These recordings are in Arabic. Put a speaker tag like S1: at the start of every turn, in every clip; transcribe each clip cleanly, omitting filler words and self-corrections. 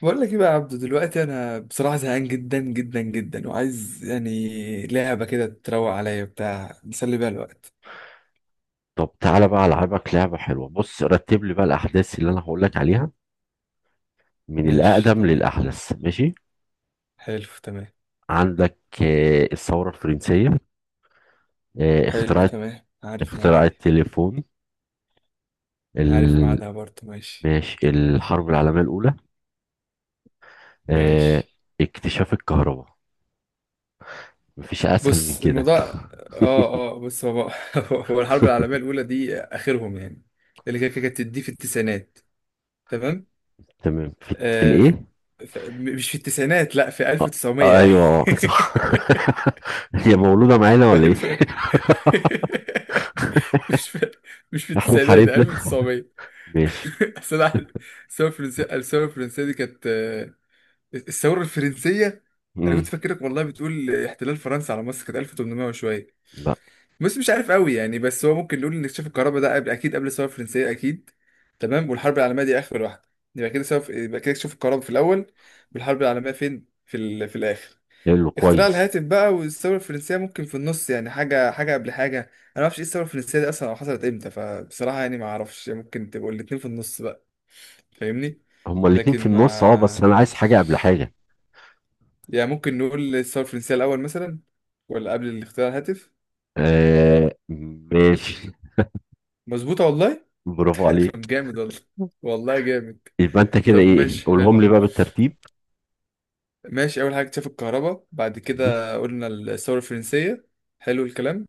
S1: بقول لك ايه بقى يا عبدو، دلوقتي انا بصراحه زهقان جدا جدا جدا، وعايز يعني لعبه كده تروق عليا بتاع نسلي بيها الوقت.
S2: طب تعالى بقى، العبك لعبه حلوه. بص، رتب لي بقى الاحداث اللي انا هقول لك عليها من
S1: ماشي
S2: الاقدم
S1: تمام.
S2: للاحدث، ماشي؟
S1: حلو تمام.
S2: عندك الثوره الفرنسيه، آه،
S1: حلو
S2: اخترعت
S1: تمام، عارف ميعادها
S2: اختراع
S1: دي.
S2: التليفون،
S1: عارف
S2: ال...
S1: ميعادها برضه، ماشي.
S2: ماشي، الحرب العالميه الاولى، آه،
S1: ماشي.
S2: اكتشاف الكهرباء. مفيش اسهل من
S1: بص
S2: كده.
S1: الموضوع، اه بص، هو هو الحرب العالميه الاولى دي اخرهم يعني، اللي كانت دي في التسعينات. تمام.
S2: تمام، في
S1: آه
S2: الايه؟
S1: مش في التسعينات، لا في
S2: آه.
S1: 1900
S2: آه،
S1: يعني.
S2: ايوه. آه، صح. هي مولوده معانا
S1: في
S2: ولا ايه؟
S1: 1000. مش في، مش في
S2: احنا
S1: التسعينات،
S2: حاربنا؟
S1: 1900.
S2: ماشي.
S1: أصل أنا عارف. الثورة الفرنسية، الثورة الفرنسية دي كانت الثورة الفرنسية. أنا
S2: امم
S1: كنت فاكرك والله بتقول احتلال فرنسا على مصر كانت 1800 وشوية،
S2: لا.
S1: بس مش عارف قوي يعني. بس هو ممكن نقول إن اكتشاف الكهرباء ده قبل، أكيد قبل الثورة الفرنسية أكيد. تمام، والحرب العالمية دي آخر واحدة. يبقى كده اكتشاف الكهرباء في الأول، والحرب العالمية فين؟ في الآخر.
S2: يلا،
S1: اختراع
S2: كويس.
S1: الهاتف بقى والثورة الفرنسية ممكن في النص، يعني حاجة حاجة قبل حاجة. أنا ما أعرفش إيه الثورة الفرنسية دي أصلا أو حصلت إمتى، فبصراحة يعني ما أعرفش. ممكن تبقوا الاتنين في النص بقى، فاهمني.
S2: هما الاتنين في
S1: لكن
S2: النص، اه، بس
S1: ما
S2: انا عايز حاجة قبل حاجة.
S1: يعني ممكن نقول الثورة الفرنسية الأول مثلا، ولا قبل الاختراع الهاتف.
S2: آه، ماشي.
S1: مظبوطة والله.
S2: برافو عليك.
S1: طب جامد والله. والله جامد.
S2: يبقى انت كده
S1: طب
S2: ايه؟
S1: ماشي،
S2: قولهم
S1: حلو.
S2: لي بقى بالترتيب.
S1: ماشي، اول حاجه اكتشاف الكهرباء، بعد
S2: م-
S1: كده قلنا الثوره الفرنسيه. حلو الكلام.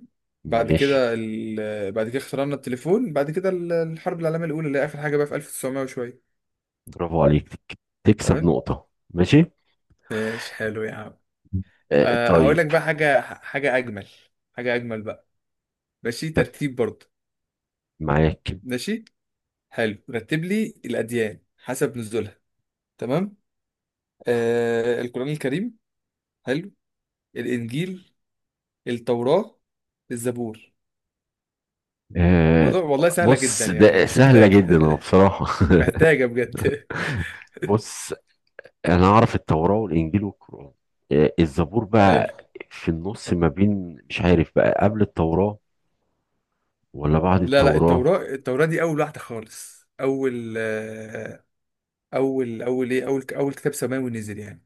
S2: ماشي.
S1: بعد كده اخترعنا التليفون، بعد كده الحرب العالميه الاولى اللي هي اخر حاجه بقى في 1900 وشويه.
S2: برافو عليك. تكسب
S1: تمام.
S2: نقطة، ماشي.
S1: ماشي حلو يا عم.
S2: آه،
S1: أه، هقول
S2: طيب.
S1: لك بقى حاجه، حاجه اجمل. حاجه اجمل بقى، ماشي،
S2: طب،
S1: ترتيب برضه.
S2: معاك.
S1: ماشي حلو، رتب لي الاديان حسب نزولها. تمام. أه، القران الكريم. حلو. الانجيل. التوراه. الزبور.
S2: آه
S1: الموضوع والله سهله جدا
S2: بص،
S1: يعني،
S2: ده
S1: مش
S2: سهلة
S1: محتاج.
S2: جدا اهو بصراحة.
S1: محتاجة بجد.
S2: بص، انا اعرف التوراة والانجيل والقرآن. آه، الزبور
S1: حلو.
S2: بقى في النص ما بين، مش عارف بقى، قبل التوراة ولا بعد
S1: لا لا،
S2: التوراة؟
S1: التوراة، التوراة دي أول واحدة خالص، أول أول أول إيه، أول كتاب سماوي نزل يعني،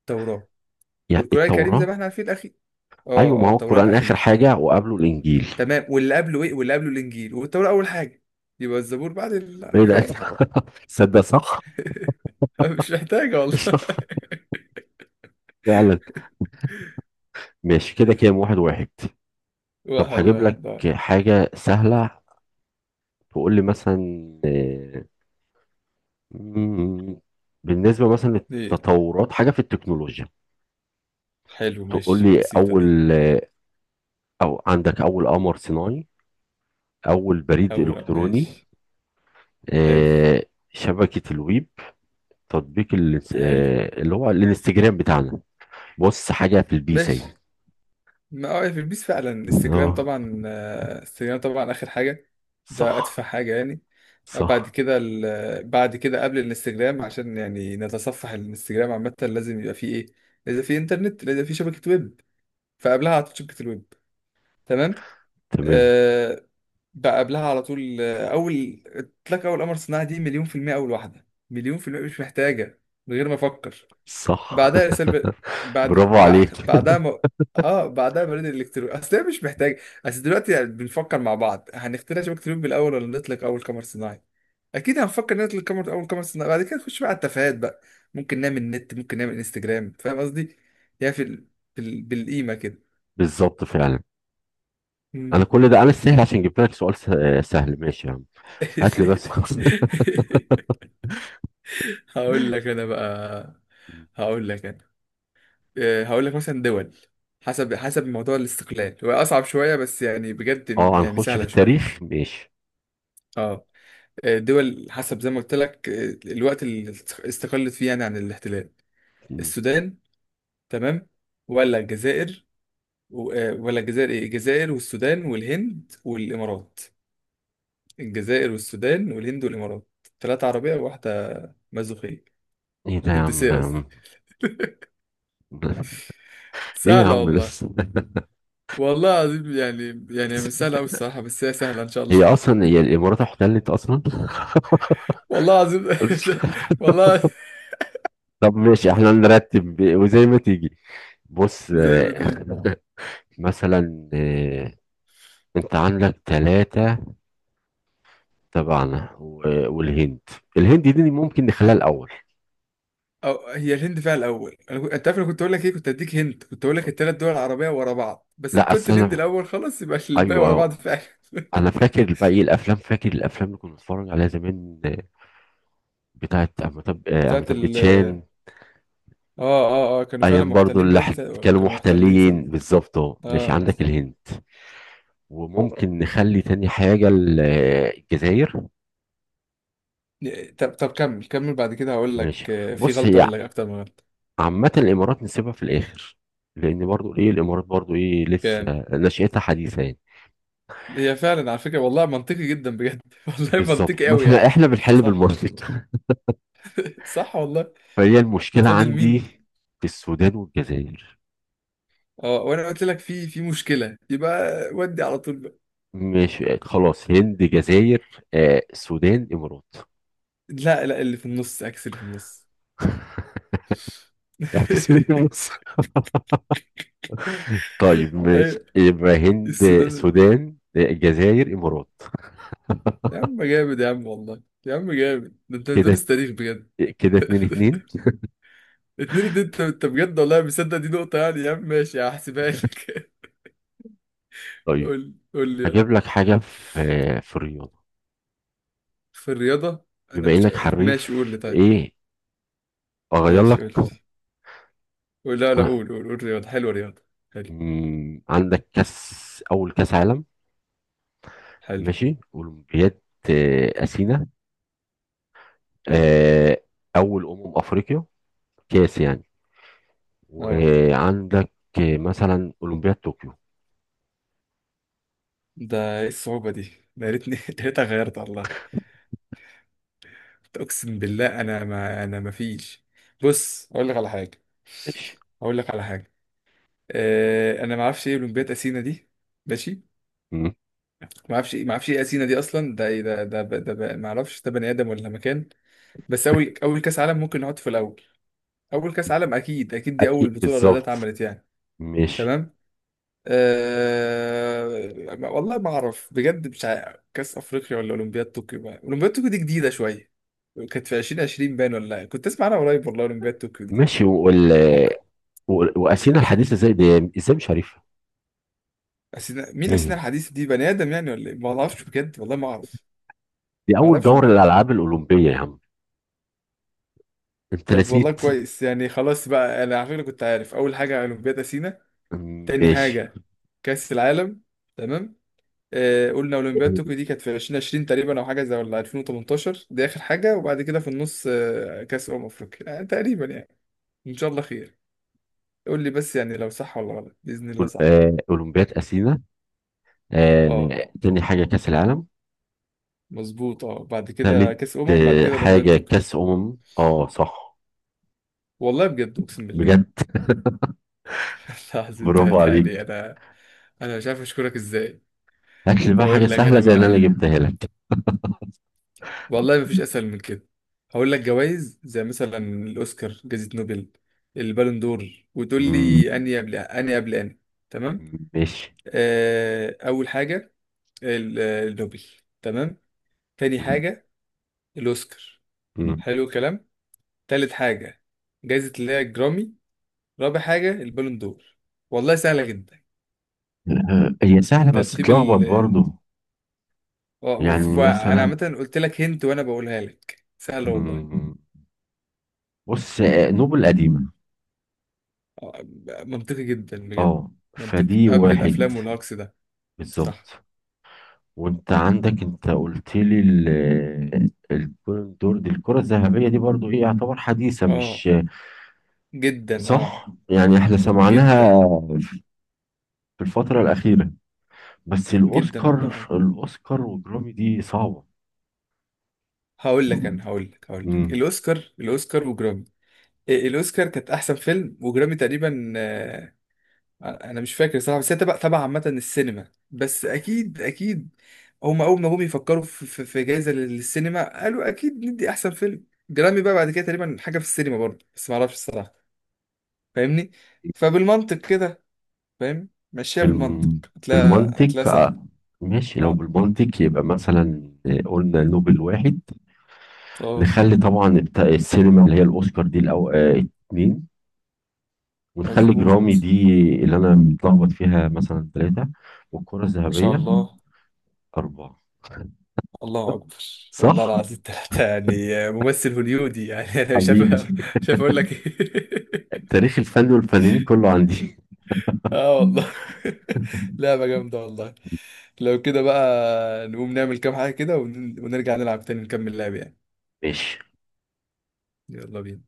S1: التوراة.
S2: يعني
S1: والقرآن الكريم زي ما
S2: التوراة.
S1: احنا عارفين الأخير.
S2: ايوه،
S1: أه
S2: ما
S1: أه،
S2: هو
S1: التوراة
S2: القرآن اخر
S1: الأخير.
S2: حاجة وقبله الانجيل.
S1: تمام، واللي قبله إيه؟ واللي قبله الإنجيل، والتوراة أول حاجة. يبقى الزبور بعد
S2: بعيد أوي.
S1: فاهم.
S2: تصدق، صح.
S1: مش محتاجة والله.
S2: فعلا. ماشي كده، كام؟ واحد واحد. طب
S1: واحد
S2: هجيب لك
S1: واحد اه.
S2: حاجة سهلة. تقول لي مثلا، آه، مم، بالنسبة مثلا
S1: دي
S2: للتطورات حاجة في التكنولوجيا.
S1: حلو،
S2: تقول
S1: ماشي،
S2: لي،
S1: بسيطة دي.
S2: أول آه، أو عندك أول قمر صناعي، أول بريد
S1: أول،
S2: إلكتروني،
S1: ماشي. حلو.
S2: شبكة الويب، تطبيق
S1: حلو.
S2: اللي هو الانستجرام بتاعنا. بص، حاجة في البيس اهي.
S1: ماشي. ما اه في البيس فعلا، انستجرام
S2: اه،
S1: طبعا، انستجرام طبعا اخر حاجه. ده
S2: صح.
S1: ادفع حاجه يعني. بعد
S2: صح.
S1: كده ال... بعد كده قبل الانستجرام، عشان يعني نتصفح الانستجرام عامه لازم يبقى فيه ايه، لازم فيه انترنت، لازم فيه شبكه ويب. فقبلها على طول شبكه الويب. تمام.
S2: تمام.
S1: أه، بقى قبلها على طول، اول اطلاق اول قمر صناعي، دي مليون في المية، اول واحده مليون في المية، مش محتاجه من غير ما افكر.
S2: صح.
S1: بعدها سلب.
S2: برافو عليك.
S1: بعدها اه بعدها بريد الالكتروني، اصل هي مش محتاج. اصل دلوقتي يعني بنفكر مع بعض، هنخترع شبكة لوب بالاول ولا نطلق اول قمر صناعي؟ اكيد هنفكر نطلق قمر، اول قمر صناعي، بعد كده نخش بقى على التفاهات بقى، ممكن نعمل نت، ممكن نعمل انستجرام. فاهم قصدي يعني؟ بالقيمة كده.
S2: بالظبط، فعلا. انا
S1: مم.
S2: كل ده انا استاهل عشان جبت لك سؤال سهل، ماشي يا عم. هات لي بس. خلاص.
S1: هقول لك انا بقى. هقول لك انا، هقول لك مثلا دول حسب، حسب موضوع الاستقلال. هو اصعب شويه بس يعني، بجد
S2: اه،
S1: يعني
S2: هنخش في
S1: سهله شويه.
S2: التاريخ، ماشي.
S1: اه، دول حسب زي ما قلت لك، الوقت اللي استقلت فيه يعني عن الاحتلال.
S2: م.
S1: السودان، تمام، ولا الجزائر. ولا الجزائر، ايه؟ الجزائر والسودان والهند والامارات. الجزائر والسودان والهند والامارات. ثلاثه عربيه وواحده مازوخيه.
S2: ايه ده يا عم؟
S1: هندسيه
S2: ده يا
S1: قصدي.
S2: عم! ايه يا
S1: سهله
S2: عم
S1: والله.
S2: لسه؟
S1: والله العظيم يعني، يعني مش سهله قوي الصراحه، بس هي سهله ان شاء الله.
S2: هي الامارات احتلت اصلا؟
S1: والله العظيم. والله.
S2: طب ماشي، احنا نرتب وزي ما تيجي. بص،
S1: زي ما دي.
S2: مثلا، انت عندك ثلاثة تبعنا و- والهند. الهند دي ممكن نخليها الاول.
S1: أو هي الهند فيها الاول، انا كنت، انت عارف انا كنت اقول لك ايه، كنت اديك هند، كنت اقول لك الثلاث دول العربيه ورا بعض، بس
S2: لا،
S1: انت قلت
S2: اصل
S1: الهند
S2: انا،
S1: الاول خلاص، يبقى الباقي
S2: ايوه.
S1: ورا بعض فعلا.
S2: انا فاكر بقى ايه الافلام، فاكر الافلام اللي كنا بنتفرج عليها زمان، بتاعت
S1: بتاعت
S2: امتاب
S1: ال،
S2: باتشان.
S1: اه كانوا فعلا
S2: ايام برضو
S1: محتلين
S2: اللي
S1: باين،
S2: كانوا
S1: كانوا محتلين صح.
S2: محتلين، بالظبط اهو. ماشي،
S1: اه
S2: عندك
S1: صح.
S2: الهند، وممكن نخلي تاني حاجه الجزائر.
S1: طب، طب كمل، كمل بعد كده هقول
S2: ماشي.
S1: لك، في
S2: بص،
S1: غلطه
S2: هي
S1: ولا اكتر من غلطه.
S2: عامه الامارات نسيبها في الاخر، لان برضو ايه الامارات برضو، ايه، لسه
S1: كام؟
S2: نشأتها حديثه يعني.
S1: هي فعلا على فكره والله منطقي جدا بجد. والله
S2: بالظبط،
S1: منطقي قوي
S2: مثلا احنا
S1: يعني.
S2: احنا بنحل
S1: صح.
S2: بالمصري.
S1: صح والله.
S2: فهي المشكلة
S1: فاضل
S2: عندي
S1: مين؟
S2: في السودان والجزائر.
S1: اه، وانا قلت لك في، مشكله يبقى. ودي على طول بقى.
S2: مش خلاص؟ هند، جزائر، آه، سودان، إمارات.
S1: لا لا، اللي في النص عكس اللي في النص.
S2: اعكس. هند، مصر. طيب ماشي،
S1: ايوه.
S2: يبقى هند،
S1: السودان.
S2: سودان، جزائر، إمارات.
S1: يا عم جامد، يا عم والله، يا عم جامد، ده انت بتدرس
S2: كده
S1: تاريخ بجد.
S2: كده اتنين اتنين.
S1: اتنين اتنين، انت، انت بجد والله مصدق دي نقطه يعني يا عم. ماشي، هحسبها لك.
S2: طيب
S1: قول، قول لي يلا.
S2: هجيب لك حاجة في في الرياضة.
S1: في الرياضه. انا
S2: بما
S1: مش،
S2: إنك
S1: ماشي
S2: حريف.
S1: قول لي طيب.
S2: إيه، أغير
S1: ماشي قول لي.
S2: لك
S1: قول، لا
S2: أنا؟
S1: قول، قول رياضه، حلوه رياضه. حلو.
S2: عندك أول كأس عالم،
S1: حلو.
S2: ماشي، أولمبياد أثينا،
S1: حلو.
S2: آه، أول أمم أفريقيا كاس يعني،
S1: اه،
S2: وعندك مثلا أولمبياد طوكيو.
S1: ده ايه الصعوبه دي؟ ده يا ريتني يا ريت غيرت والله. اقسم بالله انا ما، انا ما فيش. بص اقول لك على حاجه،
S2: ماشي.
S1: اقول لك على حاجه. أه، انا ما اعرفش ايه اولمبياد اثينا دي. ماشي.
S2: مم.
S1: ما اعرفش، ما اعرفش ايه اثينا دي اصلا، ده ايه ده، ما اعرفش ده بني ادم ولا مكان. بس اول، اول كاس عالم ممكن نحط في الاول. اول كاس عالم اكيد، اكيد دي اول
S2: أكيد،
S1: بطوله الرياضات
S2: بالظبط،
S1: اتعملت يعني.
S2: ماشي.
S1: تمام. أه ما- والله ما اعرف بجد، مش عارف كاس افريقيا ولا اولمبياد طوكيو بقى. اولمبياد طوكيو دي جديده شويه، كانت في 2020 باين ولا إيه؟ كنت اسمع انا قريب والله اولمبياد طوكيو دي.
S2: ماشي.
S1: ممكن.
S2: و- وأثينا الحديثة ازاي؟ دي ازاي مش عارفها؟
S1: أثينا مين؟
S2: مم.
S1: أثينا الحديث دي بني آدم يعني ولا إيه؟ ما أعرفش بجد والله، ما أعرف.
S2: دي
S1: ما
S2: أول
S1: أعرفش
S2: دور
S1: بجد.
S2: الألعاب الأولمبية يا عم، أنت
S1: طب والله
S2: نسيت.
S1: كويس يعني. خلاص بقى، أنا على فكرة كنت عارف. أول حاجة أولمبياد أثينا. تاني
S2: ماشي.
S1: حاجة كأس العالم. تمام. آه، قلنا أولمبياد طوكيو دي كانت في 2020 تقريبا أو حاجة زي، ولا 2018 دي آخر حاجة، وبعد كده في النص آه كأس أمم أفريقيا، آه تقريبا يعني. إن شاء الله خير. قول لي بس يعني لو صح ولا غلط، بإذن الله صح.
S2: أولمبياد أثينا،
S1: أه،
S2: تاني حاجة كأس العالم،
S1: مظبوط. أه، بعد كده
S2: تالت
S1: كأس أمم، بعد كده أولمبياد
S2: حاجة
S1: طوكيو.
S2: كأس أمم. اه، صح.
S1: والله بجد أقسم بالله.
S2: بجد،
S1: العظيم
S2: برافو
S1: انت. يعني
S2: عليك.
S1: انا، انا مش عارف اشكرك ازاي.
S2: هات لي بقى حاجة
S1: بقول لك
S2: سهلة
S1: انا
S2: زي اللي
S1: بقى.
S2: أنا جبتها لك.
S1: والله مفيش اسهل من كده. هقول لك جوائز زي مثلا الاوسكار، جائزة نوبل، البالون دور، وتقول
S2: مم.
S1: لي اني قبل اني قبل اني. تمام.
S2: ماشي.
S1: آه اول حاجة، النوبل. تمام. تاني
S2: مم.
S1: حاجة الاوسكار.
S2: مم.
S1: حلو الكلام. تالت حاجة جائزة اللي هي الجرامي. رابع حاجة البالون دور. والله سهلة جدا،
S2: هي سهلة بس تلخبط
S1: ترتيب.
S2: برضو. يعني
S1: وانا
S2: مثلا،
S1: عامه قلت لك هنت وانا بقولها لك سهله والله.
S2: مم. بص، نوبل قديمة.
S1: آه، منطقي جدا بجد.
S2: اه،
S1: منطقي
S2: فدي
S1: قبل
S2: واحد.
S1: الافلام والهجص ده. صح.
S2: بالظبط. وانت عندك، انت قلت لي البالون دور دي، الكرة الذهبية دي برضو ايه، يعتبر حديثة
S1: اه،
S2: مش؟
S1: جدا اه.
S2: صح، يعني احنا سمعناها
S1: جدا.
S2: في الفترة الأخيرة. بس
S1: جدا والله
S2: الأوسكار
S1: اه.
S2: الأوسكار والجرامي دي صعبة.
S1: هقول لك انا، هقول لك هقول لك
S2: مم.
S1: الاوسكار، الاوسكار وجرامي. الاوسكار كانت احسن فيلم، وجرامي تقريبا، انا مش فاكر صراحه، بس هي تبع، تبع عامه السينما، بس اكيد اكيد هم اول ما جم يفكروا في، في جائزه للسينما قالوا اكيد ندي احسن فيلم. جرامي بقى بعد كده تقريبا حاجه في السينما برضه، بس ما اعرفش الصراحه، فاهمني. فبالمنطق كده، فاهم، مشيها بالمنطق
S2: بالم-
S1: هتلاقي،
S2: بالمنطق.
S1: هتلاقي سهل.
S2: ماشي، لو
S1: اه.
S2: بالمنطق يبقى مثلا، قلنا نوبل واحد،
S1: اه
S2: نخلي طبعا بتاع السينما اللي هي الاوسكار دي، الأو... آه، اتنين، ونخلي جرامي
S1: مظبوط.
S2: دي، اللي انا متلخبط فيها، مثلا ثلاثة، والكرة
S1: ما شاء
S2: الذهبية
S1: الله.
S2: أربعة،
S1: الله اكبر.
S2: صح.
S1: والله العظيم ثلاثه يعني ممثل هوليودي يعني. انا مش عارف
S2: حبيبي،
S1: مش عارف اقول لك ايه.
S2: تاريخ الفن والفنانين كله عندي.
S1: اه والله. لعبة جامدة والله. لو كده بقى نقوم نعمل كام حاجة كده، ونرجع نلعب تاني، نكمل لعب يعني.
S2: ماشي.
S1: يلا بينا.